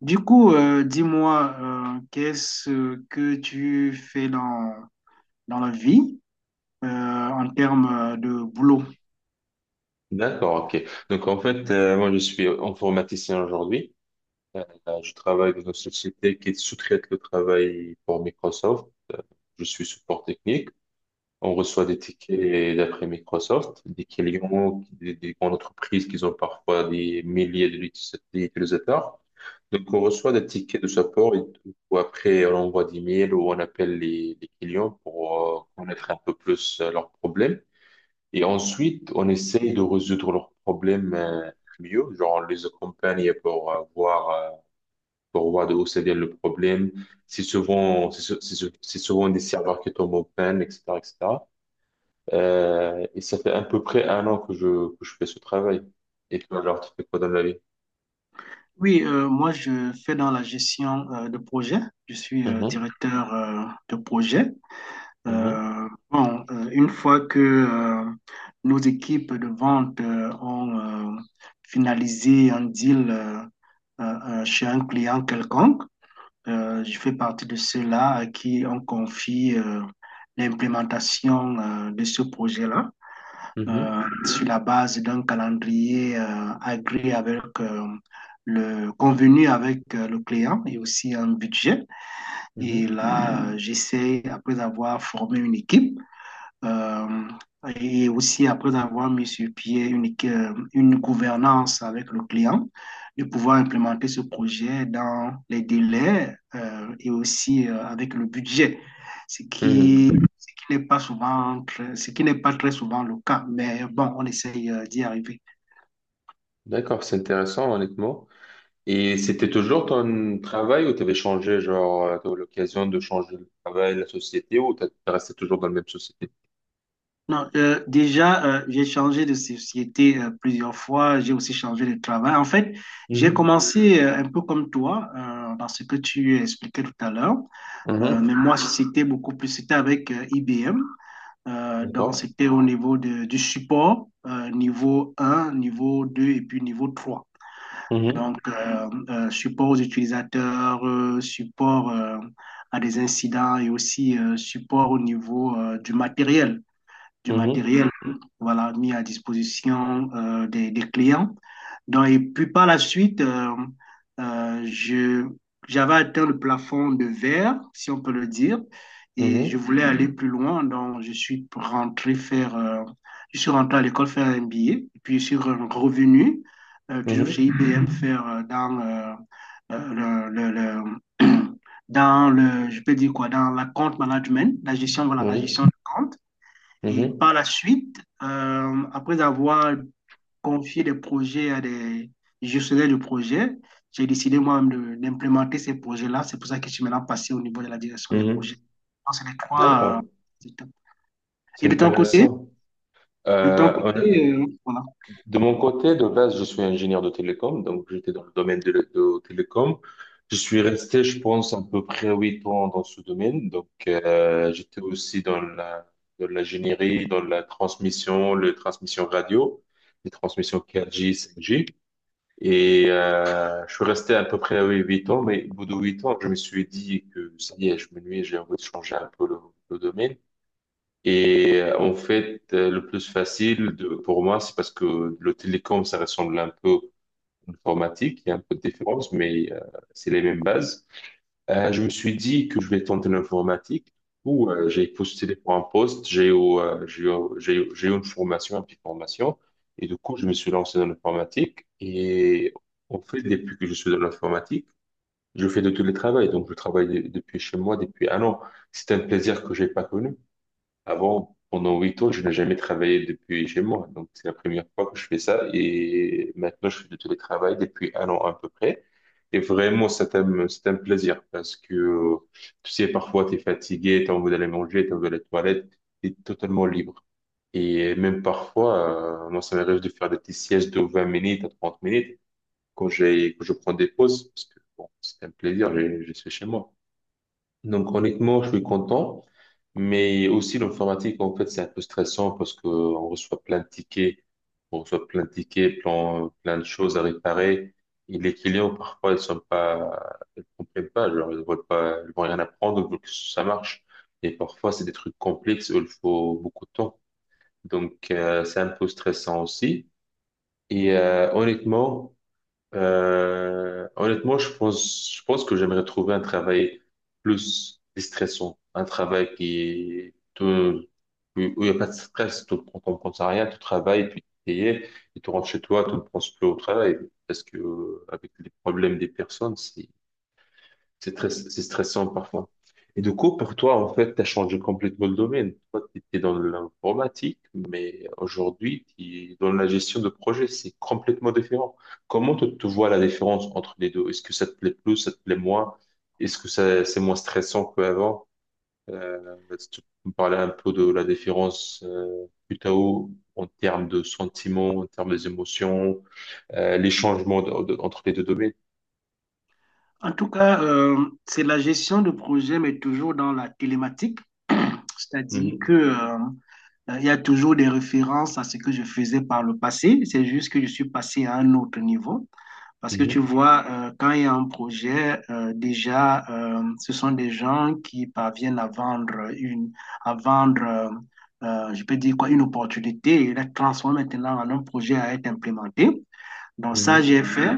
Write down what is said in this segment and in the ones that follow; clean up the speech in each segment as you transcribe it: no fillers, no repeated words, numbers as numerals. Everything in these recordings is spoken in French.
Du coup, dis-moi, qu'est-ce que tu fais dans la vie euh, en termes de boulot? D'accord, ok. Donc en fait, moi je suis informaticien aujourd'hui. Euh, je travaille dans une société qui sous-traite le travail pour Microsoft. Je suis support technique. On reçoit des tickets d'après Microsoft, des clients, des grandes entreprises qui ont parfois des milliers d'utilisateurs. Donc on reçoit des tickets de support et tout. Ou après on envoie des mails ou on appelle les clients pour connaître un peu plus leurs problèmes. Et ensuite, on essaye de résoudre leurs problèmes mieux. Genre, on les accompagne pour voir de où ça vient le problème. C'est souvent, c'est sou- c'est sou- C'est souvent des serveurs qui tombent en panne, etc., etc. Et ça fait à peu près un an que que je fais ce travail. Et toi, genre, tu fais quoi dans la vie? Oui, moi, je fais dans la gestion de projet. Je suis Mhm, directeur de projet. mhm, Bon, une fois que nos équipes de vente ont finalisé un deal chez un client quelconque, je fais partie de ceux-là à qui on confie l'implémentation de ce projet-là mhm, sur la base d'un calendrier agréé avec le convenu avec le client et aussi un budget. Et mhm, là, j'essaie, après avoir formé une équipe, euh, et aussi, après avoir mis sur pied une gouvernance avec le client, de pouvoir implémenter ce projet dans les délais et aussi avec le budget, ce qui, mhm. ce qui n'est pas ce qui n'est pas très souvent le cas. Mais bon, on essaye d'y arriver. D'accord, c'est intéressant, honnêtement. Et c'était toujours ton travail ou t'avais changé, genre, t'as eu l'occasion de changer le travail, la société, ou t'es resté toujours dans la même société? Non, déjà, j'ai changé de société plusieurs fois. J'ai aussi changé de travail. En fait, j'ai Mhm. commencé un peu comme toi, dans ce que tu expliquais tout à l'heure. Mais Mhm. moi, c'était avec IBM. Donc, D'accord. c'était du support, niveau un, niveau 2 et puis niveau trois. Donc, Mhm. Support aux utilisateurs, support à des incidents et aussi support au niveau du matériel du Mhm. matériel voilà, mis à disposition clients. Donc, et puis par la suite, euh, je, j'avais atteint le plafond de verre, si on peut le dire, et je Mhm. voulais aller plus loin. Donc, je suis rentré à l'école faire un billet, et puis je suis revenu, toujours chez Mhm. IBM, faire euh, le, le, le dans le, je peux dire quoi, dans la compte management, la gestion, voilà, la Oui. gestion de compte. Et Mhm. par la suite, après avoir confié des projets à des gestionnaires de projets, j'ai décidé moi-même d'implémenter ces projets-là. C'est pour ça que je suis maintenant passé au niveau de la direction des Mhm. projets. Donc, c'est les trois. D'accord. Étapes. C'est Et intéressant. de ton Euh, côté, voilà. De mon côté, de base, je suis ingénieur de télécom, donc j'étais dans le domaine de télécom. Je suis resté, je pense, à peu près 8 ans dans ce domaine. Donc, j'étais aussi dans l'ingénierie, dans la transmission, les transmissions radio, les transmissions 4G, 5G. Et je suis resté à peu près oui, 8 ans, mais au bout de 8 ans, je me suis dit que ça y est, je m'ennuie, j'ai envie de changer un peu le domaine. Et en fait, le plus facile pour moi, c'est parce que le télécom, ça ressemble un peu à l'informatique. Il y a un peu de différence, mais c'est les mêmes bases. Je me suis dit que je vais tenter l'informatique. Ou J'ai postulé pour un poste, euh, j'ai eu, j'ai eu une formation, une petite formation. Et du coup, je me suis lancé dans l'informatique. Et en fait, depuis que je suis dans l'informatique, je fais de tous les travaux. Donc, je travaille depuis chez moi depuis un an. C'est un plaisir que j'ai pas connu. Avant, pendant 8 ans, je n'ai jamais travaillé depuis chez moi. Donc, c'est la première fois que je fais ça. Et maintenant, je fais du télétravail depuis un an à peu près. Et vraiment, c'est un plaisir parce que, tu sais, parfois, tu es fatigué, tu as envie d'aller manger, tu as envie d'aller aux toilettes, tu es totalement libre. Et même parfois, moi, ça m'arrive de faire des petites siestes de 20 minutes à 30 minutes quand quand je prends des pauses parce que, bon, c'est un plaisir, je suis chez moi. Donc honnêtement, je suis content, mais aussi l'informatique, en fait, c'est un peu stressant parce que on reçoit plein de tickets, plein, plein de choses à réparer. Et les clients, parfois, ils sont pas, ils comprennent pas, genre, ils veulent pas, ils vont rien apprendre, ils veulent que ça marche. Et parfois, c'est des trucs complexes où il faut beaucoup de temps. Donc, c'est un peu stressant aussi. Et honnêtement, je pense que j'aimerais trouver un travail plus déstressant, un travail où il n'y a pas de stress, tu ne prends compte à rien, tu travailles, puis tu es payé, et tu rentres chez toi, tu ne penses plus au travail, parce que avec les problèmes des personnes, c'est stressant parfois. Et du coup, pour toi, en fait, tu as changé complètement le domaine. Toi, tu étais dans l'informatique, mais aujourd'hui, tu es dans la gestion de projet. C'est complètement différent. Comment tu te vois la différence entre les deux? Est-ce que ça te plaît plus, ça te plaît moins? Est-ce que ça, c'est moins stressant qu'avant? Si tu peux me parler un peu de la différence plutôt en termes de sentiments, en termes des émotions, les changements entre les deux domaines. En tout cas, c'est la gestion de projet, mais toujours dans la télématique. C'est-à-dire que, Mhm. Il y a toujours des références à ce que je faisais par le passé. C'est juste que je suis passé à un autre niveau. Parce que tu Mhm. vois, quand il y a un projet, déjà, ce sont des gens qui parviennent à à vendre, je peux dire quoi, une opportunité et la transforment maintenant en un projet à être implémenté. Donc ça, j'ai Mhm. fait.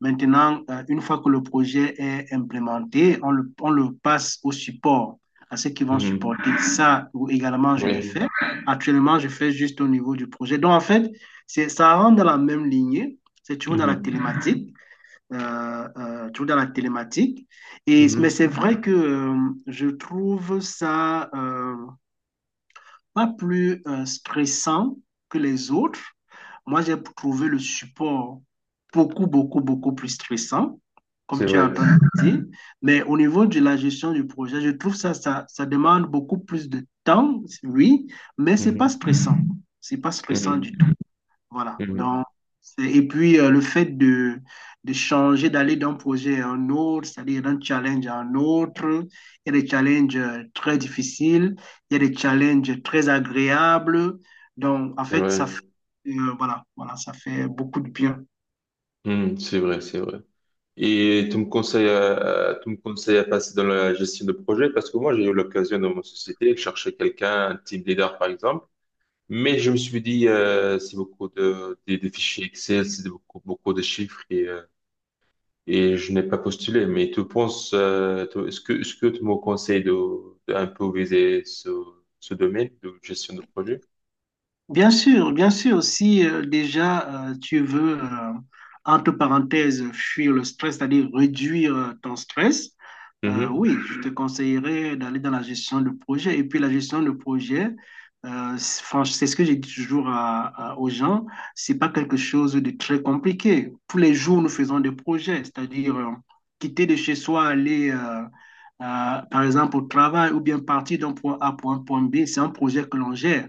Maintenant, une fois que le projet est implémenté, on le passe au support, à ceux qui vont Mhm. supporter ça. Ou également, je l'ai Oui. fait. Actuellement, je fais juste au niveau du projet. Donc en fait, ça rentre dans la même lignée, c'est toujours dans la Mhm. télématique toujours dans la télématique. Et, mais Mhm. c'est vrai que je trouve ça pas plus stressant que les autres. Moi, j'ai trouvé le support beaucoup, beaucoup, beaucoup plus stressant, comme C'est tu es vrai. en train de dire. Mais au niveau de la gestion du projet, je trouve ça demande beaucoup plus de temps, oui, mais c'est pas Mhm. stressant. C'est pas stressant du Mhm. Voilà. Donc, Mhm. Et puis, le fait de changer, d'aller d'un projet à un autre, c'est-à-dire d'un challenge à un autre, il y a des challenges très difficiles, il y a des challenges très agréables. Donc, en C'est fait, vrai. Voilà, voilà, ça fait beaucoup de bien. Mhm. C'est vrai, c'est vrai. Et tu me conseilles à passer dans la gestion de projet parce que moi, j'ai eu l'occasion dans mon société de chercher quelqu'un, un team leader par exemple. Mais je me suis dit, c'est beaucoup de, des fichiers Excel, c'est beaucoup, beaucoup de chiffres et je n'ai pas postulé. Mais tu penses, est-ce que tu me conseilles de un peu viser ce domaine de gestion de projet? Bien sûr, si déjà tu veux, entre parenthèses, fuir le stress, c'est-à-dire réduire ton stress, oui, je te conseillerais d'aller dans la gestion de projet. Et puis la gestion de projet, c'est enfin, c'est ce que je dis toujours aux gens, c'est pas quelque chose de très compliqué. Tous les jours, nous faisons des projets, c'est-à-dire quitter de chez soi, aller par exemple au travail, ou bien partir d'un point A pour un point B, c'est un projet que l'on gère.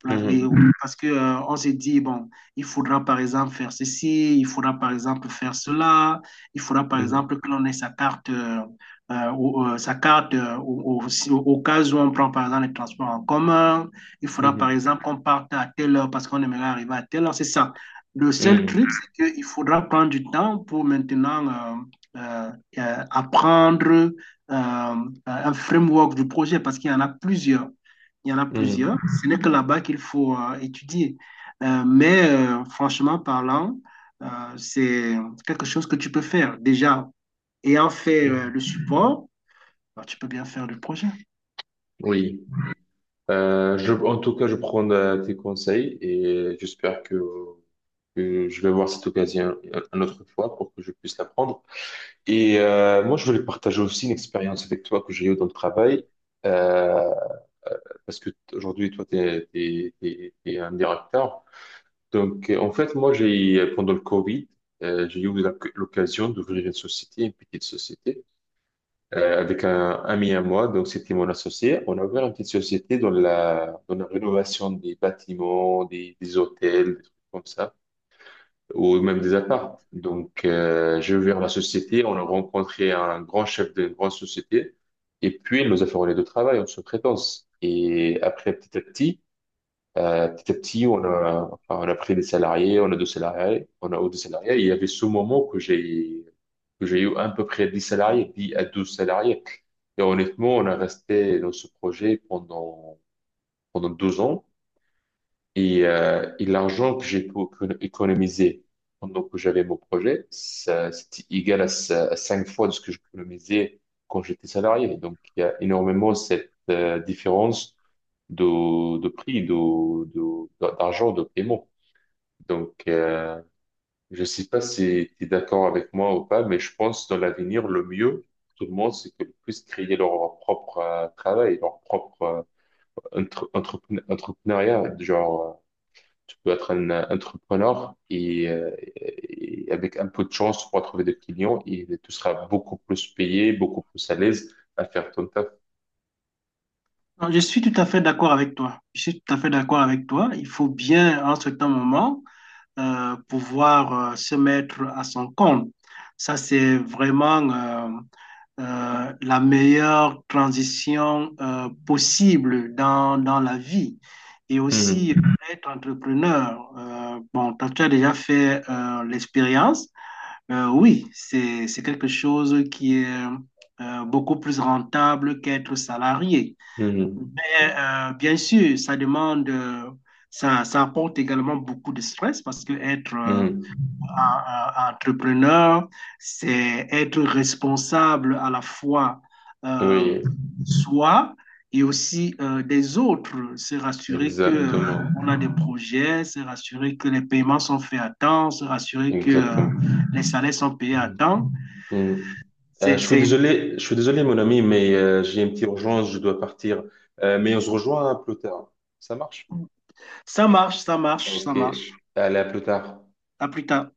Pour la- et- Mhm. Parce que on se dit, bon, il faudra par exemple faire ceci, il faudra par exemple faire cela, il faudra par Mhm. exemple que l'on ait sa carte. Sa carte au cas où on prend par exemple les transports en commun. Il faudra par Mhm. exemple qu'on parte à telle heure parce qu'on aimerait arriver à telle heure. C'est ça. Le seul truc, Mhm. c'est qu'il faudra prendre du temps pour maintenant euh, euh, apprendre un framework du projet, parce qu'il y en a plusieurs. Il y en a plusieurs. Mhm. Ce n'est que là-bas qu'il faut étudier. Franchement parlant, euh, c'est quelque chose que tu peux faire déjà ayant fait Mhm. le support. Alors, tu peux bien faire le projet. Oui. En tout cas, je prends tes conseils et j'espère que je vais voir cette occasion une autre fois pour que je puisse la prendre. Et moi, je voulais partager aussi une expérience avec toi que j'ai eue dans le travail euh, parce que aujourd'hui, toi, t'es un directeur. Donc, en fait, moi, j'ai pendant le Covid, j'ai eu l'occasion d'ouvrir une société, une petite société. Avec un ami à moi, donc c'était mon associé. On a ouvert une petite société dans la rénovation des bâtiments, des hôtels, des trucs comme ça, ou même des apparts. Donc, j'ai ouvert la société, on a rencontré un grand chef d'une grande société, et puis il nous a fait relais de travail en sous-traitance. Et après, petit à petit, on a pris des salariés, on a deux salariés. Et il y avait ce moment que j'ai eu à peu près 10 salariés, 10 à 12 salariés. Et honnêtement, on a resté dans ce projet pendant 2 ans. Et l'argent que j'ai pu économiser pendant que j'avais mon projet, ça, c'était égal à 5 fois de ce que j'économisais quand j'étais salarié. Donc, il y a énormément cette différence de prix, d'argent, de paiement. Donc, je sais pas si tu es d'accord avec moi ou pas, mais je pense dans l'avenir, le mieux, tout le monde, c'est qu'ils puissent créer leur propre travail, leur propre entrepreneuriat, genre tu peux être un entrepreneur et avec un peu de chance, tu pourras trouver des clients et tu seras beaucoup plus payé, beaucoup plus à l'aise à faire ton taf. Alors, je suis tout à fait d'accord avec toi. Je suis tout à fait d'accord avec toi. Il faut bien, en certain moment, pouvoir se mettre à son compte. Ça, c'est vraiment la meilleure transition possible dans la vie. Et aussi, Mhm. être entrepreneur. Bon, toi, tu as déjà fait l'expérience. Oui, c'est quelque chose qui est beaucoup plus rentable qu'être salarié. Mhm. Mais bien sûr, ça apporte également beaucoup de stress parce que Mhm. entrepreneur, c'est être responsable à la fois euh, Oui, soi et aussi des autres. C'est rassurer que exactement. on a des projets, c'est rassurer que les paiements sont faits à temps, c'est rassurer que Exactement. les salaires sont payés à Mhm. temps. Mhm. Je suis C'est... désolé, je suis désolé, mon ami, mais j'ai une petite urgence, je dois partir. Mais on se rejoint plus tard. Ça marche? Ça marche, ça marche, Ok. ça marche. Allez, à plus tard. À plus tard.